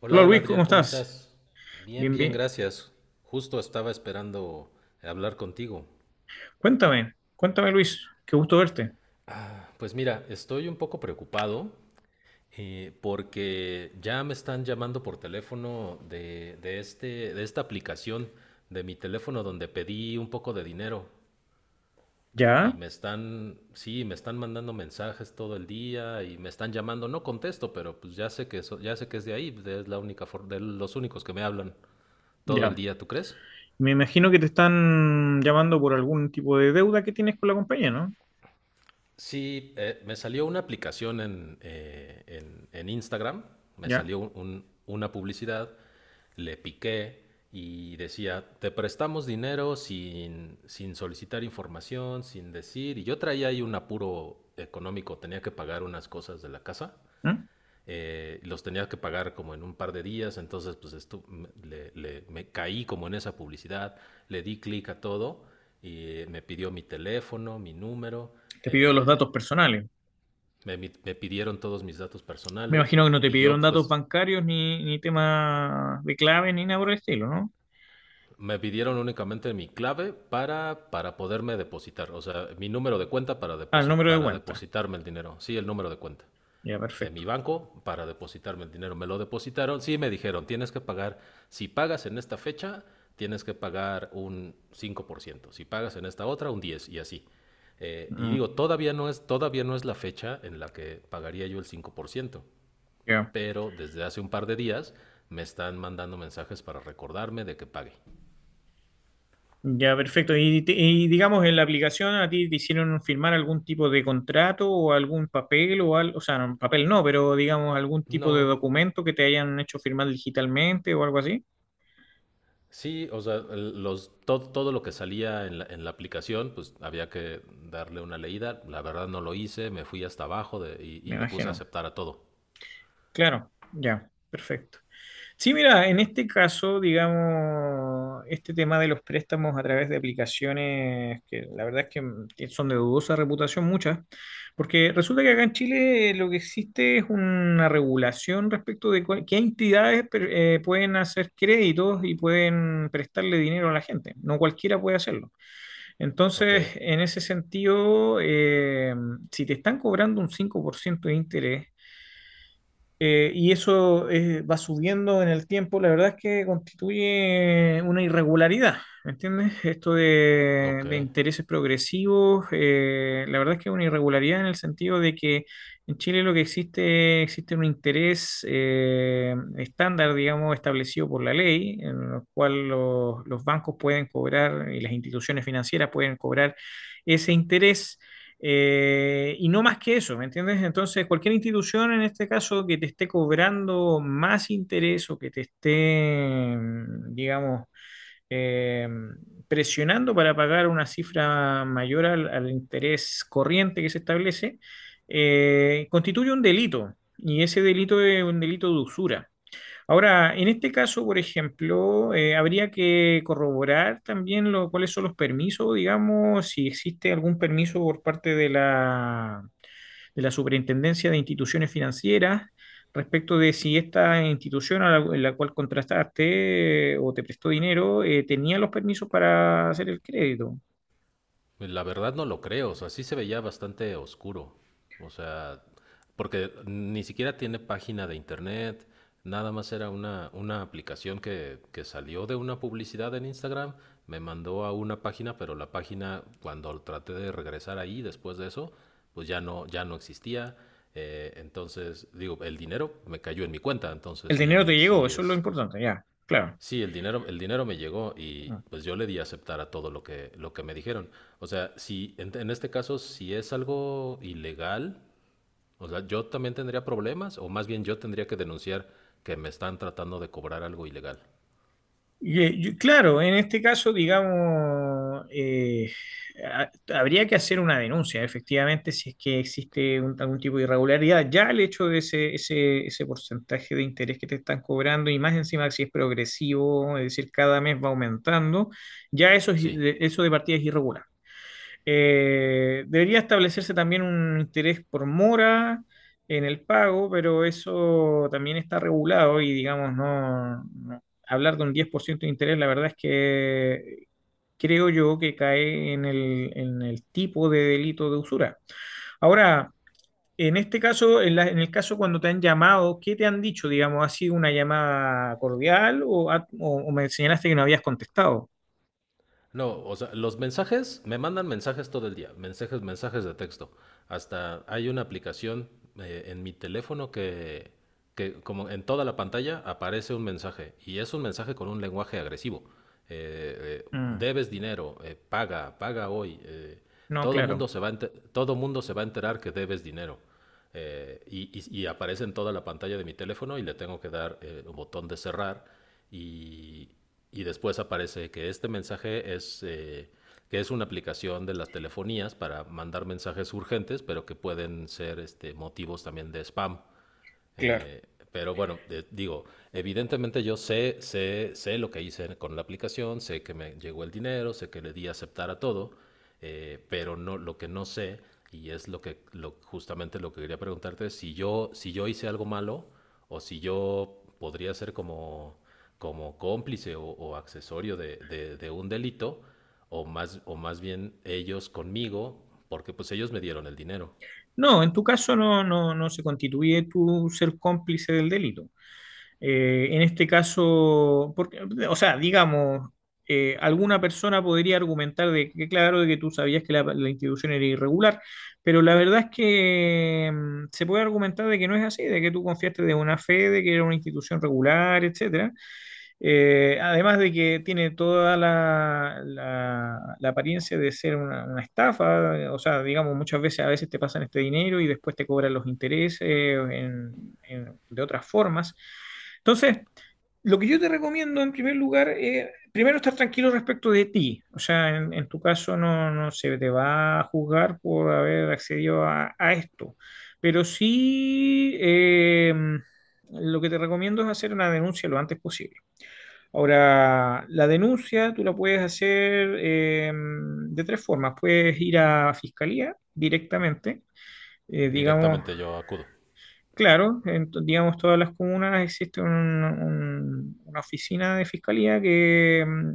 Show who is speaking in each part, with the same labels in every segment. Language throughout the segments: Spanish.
Speaker 1: Hola,
Speaker 2: Hola
Speaker 1: hola
Speaker 2: Luis, ¿cómo
Speaker 1: Adriel, ¿cómo
Speaker 2: estás?
Speaker 1: estás? Bien,
Speaker 2: Bien,
Speaker 1: bien,
Speaker 2: bien.
Speaker 1: gracias. Justo estaba esperando hablar contigo.
Speaker 2: Cuéntame, cuéntame Luis, qué gusto verte.
Speaker 1: Ah, pues mira, estoy un poco preocupado, porque ya me están llamando por teléfono de esta aplicación de mi teléfono donde pedí un poco de dinero y
Speaker 2: Ya,
Speaker 1: sí, me están mandando mensajes todo el día y me están llamando. No contesto, pero pues ya sé que eso, ya sé que es de ahí, es de los únicos que me hablan todo el
Speaker 2: ya.
Speaker 1: día, ¿tú crees?
Speaker 2: Me imagino que te están llamando por algún tipo de deuda que tienes con la compañía, ¿no?
Speaker 1: Sí, me salió una aplicación en Instagram, me
Speaker 2: Ya.
Speaker 1: salió una publicidad, le piqué y decía, te prestamos dinero sin solicitar información, sin decir, y yo traía ahí un apuro económico, tenía que pagar unas cosas de la casa,
Speaker 2: ¿Mm?
Speaker 1: los tenía que pagar como en un par de días, entonces pues me caí como en esa publicidad, le di clic a todo y, me pidió mi teléfono, mi número.
Speaker 2: Te pidió los
Speaker 1: eh,
Speaker 2: datos personales.
Speaker 1: me pidieron todos mis datos
Speaker 2: Me
Speaker 1: personales
Speaker 2: imagino que no te
Speaker 1: y
Speaker 2: pidieron
Speaker 1: yo
Speaker 2: datos
Speaker 1: pues
Speaker 2: bancarios ni, ni temas de clave ni nada por el estilo, ¿no?
Speaker 1: me pidieron únicamente mi clave para poderme depositar, o sea, mi número de cuenta para,
Speaker 2: Ah, el
Speaker 1: deposit,
Speaker 2: número de
Speaker 1: para
Speaker 2: cuenta.
Speaker 1: depositarme el dinero, sí, el número de cuenta
Speaker 2: Ya,
Speaker 1: de
Speaker 2: perfecto.
Speaker 1: mi banco para depositarme el dinero. Me lo depositaron, sí, me dijeron, tienes que pagar, si pagas en esta fecha, tienes que pagar un 5%. Si pagas en esta otra, un 10% y así. Y
Speaker 2: Mm,
Speaker 1: digo, todavía no es la fecha en la que pagaría yo el 5%.
Speaker 2: ya.
Speaker 1: Pero desde hace un par de días me están mandando mensajes para recordarme de que pague.
Speaker 2: Ya, perfecto. Y, y digamos, en la aplicación a ti te hicieron firmar algún tipo de contrato o algún papel o algo, o sea, no, papel no, pero digamos algún tipo de
Speaker 1: No,
Speaker 2: documento que te hayan hecho firmar digitalmente o algo así.
Speaker 1: sí, o sea, todo lo que salía en la aplicación, pues había que darle una leída. La verdad no lo hice, me fui hasta abajo y
Speaker 2: Me
Speaker 1: le puse a
Speaker 2: imagino.
Speaker 1: aceptar a todo.
Speaker 2: Claro, ya, perfecto. Sí, mira, en este caso, digamos, este tema de los préstamos a través de aplicaciones que la verdad es que mm, que son de dudosa reputación muchas, porque resulta que acá en Chile lo que existe es una regulación respecto de qué entidades pueden hacer créditos y pueden prestarle dinero a la gente. No cualquiera puede hacerlo.
Speaker 1: Ok,
Speaker 2: Entonces, en ese sentido, si te están cobrando un 5% de interés, y eso va subiendo en el tiempo, la verdad es que constituye una irregularidad, ¿me entiendes? Esto
Speaker 1: ok.
Speaker 2: de intereses progresivos, la verdad es que es una irregularidad en el sentido de que en Chile lo que existe, existe un interés estándar, digamos, establecido por la ley, en el cual los bancos pueden cobrar y las instituciones financieras pueden cobrar ese interés y no más que eso, ¿me entiendes? Entonces, cualquier institución en este caso que te esté cobrando más interés o que te esté, mm, digamos, eh, presionando para pagar una cifra mayor al interés corriente que se establece, constituye un delito. Y ese delito es un delito de usura. Ahora, en este caso, por ejemplo, habría que corroborar también lo, cuáles son los permisos, digamos, si existe algún permiso por parte de la Superintendencia de Instituciones Financieras respecto de si esta institución en la cual contrataste o te prestó dinero tenía los permisos para hacer el crédito.
Speaker 1: Pues, la verdad no lo creo, o sea, sí se veía bastante oscuro, o sea, porque ni siquiera tiene página de internet, nada más era una aplicación que salió de una publicidad en Instagram, me mandó a una página, pero la página cuando traté de regresar ahí después de eso, pues ya no existía. Entonces digo, el dinero me cayó en mi cuenta, entonces
Speaker 2: El dinero te
Speaker 1: sí,
Speaker 2: llegó,
Speaker 1: sí
Speaker 2: eso es lo
Speaker 1: es.
Speaker 2: importante, ya, claro.
Speaker 1: Sí, el dinero me llegó y pues yo le di a aceptar a todo lo que me dijeron. O sea, si en este caso, si es algo ilegal, o sea, yo también tendría problemas, o más bien yo tendría que denunciar que me están tratando de cobrar algo ilegal.
Speaker 2: Y, claro, en este caso, digamos, habría que hacer una denuncia, efectivamente, si es que existe algún tipo de irregularidad. Ya el hecho de ese porcentaje de interés que te están cobrando, y más encima si es progresivo, es decir, cada mes va aumentando, ya eso,
Speaker 1: Sí.
Speaker 2: eso de partida es irregular. Debería establecerse también un interés por mora en el pago, pero eso también está regulado y digamos, no, hablar de un 10% de interés, la verdad es que creo yo que cae en en el tipo de delito de usura. Ahora, en este caso, en el caso cuando te han llamado, ¿qué te han dicho? Digamos, ¿ha sido una llamada cordial o, o me señalaste que no habías contestado?
Speaker 1: No, o sea, los mensajes, me mandan mensajes todo el día, mensajes, mensajes de texto. Hasta hay una aplicación, en mi teléfono que como en toda la pantalla aparece un mensaje y es un mensaje con un lenguaje agresivo.
Speaker 2: Mm,
Speaker 1: Debes dinero, paga, paga hoy.
Speaker 2: no,
Speaker 1: Todo
Speaker 2: claro.
Speaker 1: mundo se va a enter- todo mundo se va a enterar que debes dinero. Y aparece en toda la pantalla de mi teléfono y le tengo que dar, el botón de cerrar y, y después aparece que este mensaje es una aplicación de las telefonías para mandar mensajes urgentes, pero que pueden ser motivos también de spam.
Speaker 2: Claro.
Speaker 1: Eh, pero bueno, digo, evidentemente yo sé lo que hice con la aplicación, sé que me llegó el dinero, sé que le di a aceptar a todo, pero no, lo que no sé, y es justamente lo que quería preguntarte, es si yo hice algo malo o si yo podría ser como cómplice o accesorio de un delito, o más bien ellos conmigo, porque pues ellos me dieron el dinero.
Speaker 2: No, en tu caso no, no, no se constituye tu ser cómplice del delito. En este caso, porque, o sea, digamos, alguna persona podría argumentar de que, claro, de que tú sabías que la institución era irregular, pero la verdad es que mm, se puede argumentar de que no es así, de que tú confiaste de buena fe, de que era una institución regular, etcétera. Además de que tiene toda la apariencia de ser una estafa, o sea, digamos, muchas veces a veces te pasan este dinero y después te cobran los intereses de otras formas. Entonces, lo que yo te recomiendo en primer lugar es, primero, estar tranquilo respecto de ti. O sea, en tu caso no, no se te va a juzgar por haber accedido a esto, pero sí... lo que te recomiendo es hacer una denuncia lo antes posible. Ahora, la denuncia tú la puedes hacer de tres formas. Puedes ir a fiscalía directamente, digamos,
Speaker 1: Directamente yo acudo.
Speaker 2: claro, digamos, todas las comunas existe una oficina de fiscalía que, mm,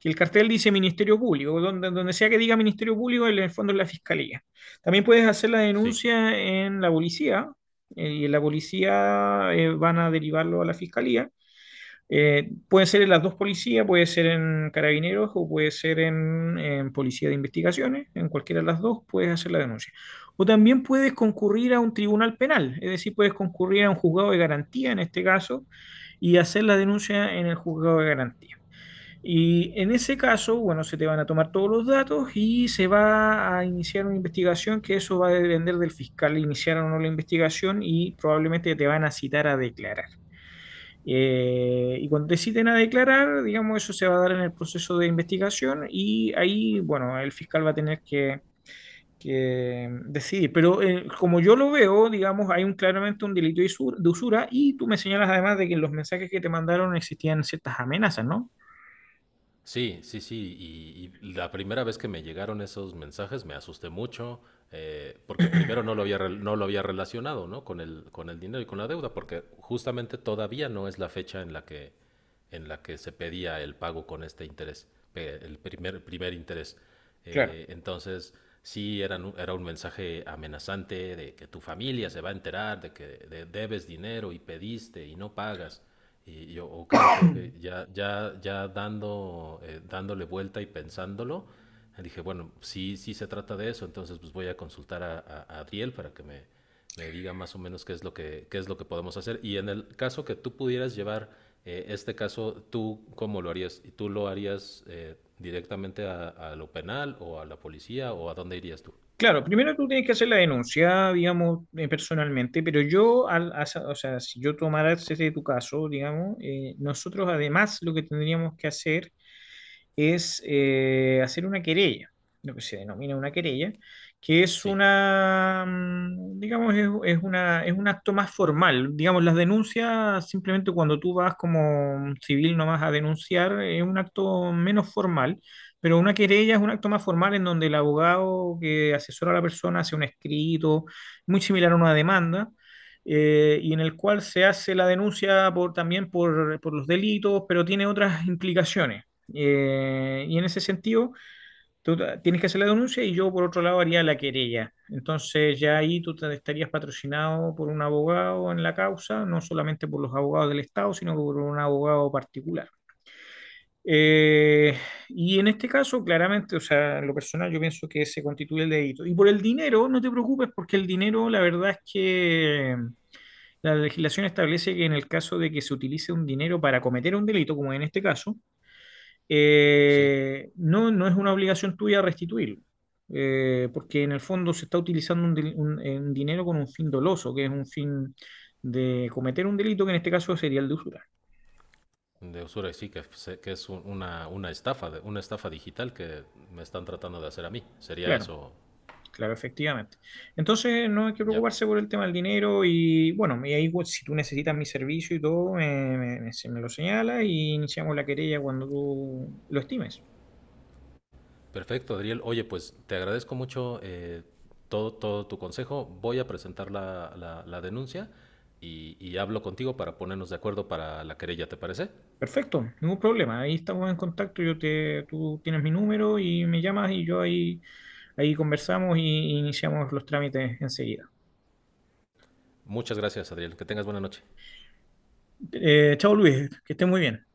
Speaker 2: que el cartel dice Ministerio Público, donde, donde sea que diga Ministerio Público, en el fondo es la fiscalía. También puedes hacer la
Speaker 1: Sí.
Speaker 2: denuncia en la policía, y en la policía van a derivarlo a la fiscalía. Puede ser en las dos policías, puede ser en carabineros o puede ser en policía de investigaciones, en cualquiera de las dos puedes hacer la denuncia. O también puedes concurrir a un tribunal penal, es decir, puedes concurrir a un juzgado de garantía en este caso y hacer la denuncia en el juzgado de garantía. Y en ese caso, bueno, se te van a tomar todos los datos y se va a iniciar una investigación que eso va a depender del fiscal iniciar o no la investigación y probablemente te van a citar a declarar. Y cuando deciden a declarar, digamos, eso se va a dar en el proceso de investigación y ahí, bueno, el fiscal va a tener que decidir. Pero como yo lo veo, digamos, hay un, claramente un delito de usura y tú me señalas además de que en los mensajes que te mandaron existían ciertas amenazas, ¿no?
Speaker 1: Sí, sí, sí. Y la primera vez que me llegaron esos mensajes me asusté mucho, porque primero no lo había relacionado, ¿no? Con el dinero y con la deuda, porque justamente todavía no es la fecha en la que se pedía el pago con este interés, primer interés.
Speaker 2: Claro.
Speaker 1: Entonces, sí, era un mensaje amenazante de que tu familia se va a enterar de que debes dinero y pediste y no pagas. Y yo, ok, ok, ok, ya, ya, ya dándole vuelta y pensándolo, dije, bueno, sí, sí se trata de eso, entonces pues voy a consultar a, Adriel para que me diga más o menos qué es lo que podemos hacer. Y en el caso que tú pudieras llevar, este caso, ¿tú cómo lo harías? ¿Y tú lo harías, directamente a lo penal o a la policía o a dónde irías tú?
Speaker 2: Claro, primero tú tienes que hacer la denuncia, digamos, personalmente, pero yo, o sea, si yo tomara ese de tu caso, digamos, nosotros además lo que tendríamos que hacer es hacer una querella, lo que se denomina una querella, que es
Speaker 1: Sí,
Speaker 2: una, mm, digamos, es una, es un acto más formal. Digamos, las denuncias, simplemente cuando tú vas como civil nomás a denunciar, es un acto menos formal. Pero una querella es un acto más formal en donde el abogado que asesora a la persona hace un escrito, muy similar a una demanda, y en el cual se hace la denuncia por, también por los delitos, pero tiene otras implicaciones. Y en ese sentido, tú tienes que hacer la denuncia y yo, por otro lado, haría la querella. Entonces, ya ahí estarías patrocinado por un abogado en la causa, no solamente por los abogados del Estado, sino por un abogado particular. Eh, y en este caso, claramente, o sea, en lo personal, yo pienso que se constituye el delito. Y por el dinero, no te preocupes, porque el dinero, la verdad es que la legislación establece que en el caso de que se utilice un dinero para cometer un delito, como en este caso,
Speaker 1: sí.
Speaker 2: no, no es una obligación tuya restituirlo, porque en el fondo se está utilizando un, un dinero con un fin doloso, que es un fin de cometer un delito, que en este caso sería el de usura.
Speaker 1: De usura, y sí, que es una estafa, una estafa digital que me están tratando de hacer a mí. Sería
Speaker 2: Claro,
Speaker 1: eso,
Speaker 2: claro, efectivamente. Entonces no hay que
Speaker 1: ya.
Speaker 2: preocuparse por el tema del dinero y bueno, y ahí pues, si tú necesitas mi servicio y todo, se me lo señala y iniciamos la querella cuando tú lo estimes.
Speaker 1: Perfecto, Adriel. Oye, pues te agradezco mucho, todo tu consejo. Voy a presentar la denuncia y hablo contigo para ponernos de acuerdo para la querella, ¿te parece?
Speaker 2: Perfecto, ningún problema. Ahí estamos en contacto. Yo te, tú tienes mi número y me llamas y yo ahí Ahí conversamos y iniciamos los trámites enseguida.
Speaker 1: Muchas gracias, Adriel. Que tengas buena noche.
Speaker 2: Chao Luis, que estés muy bien.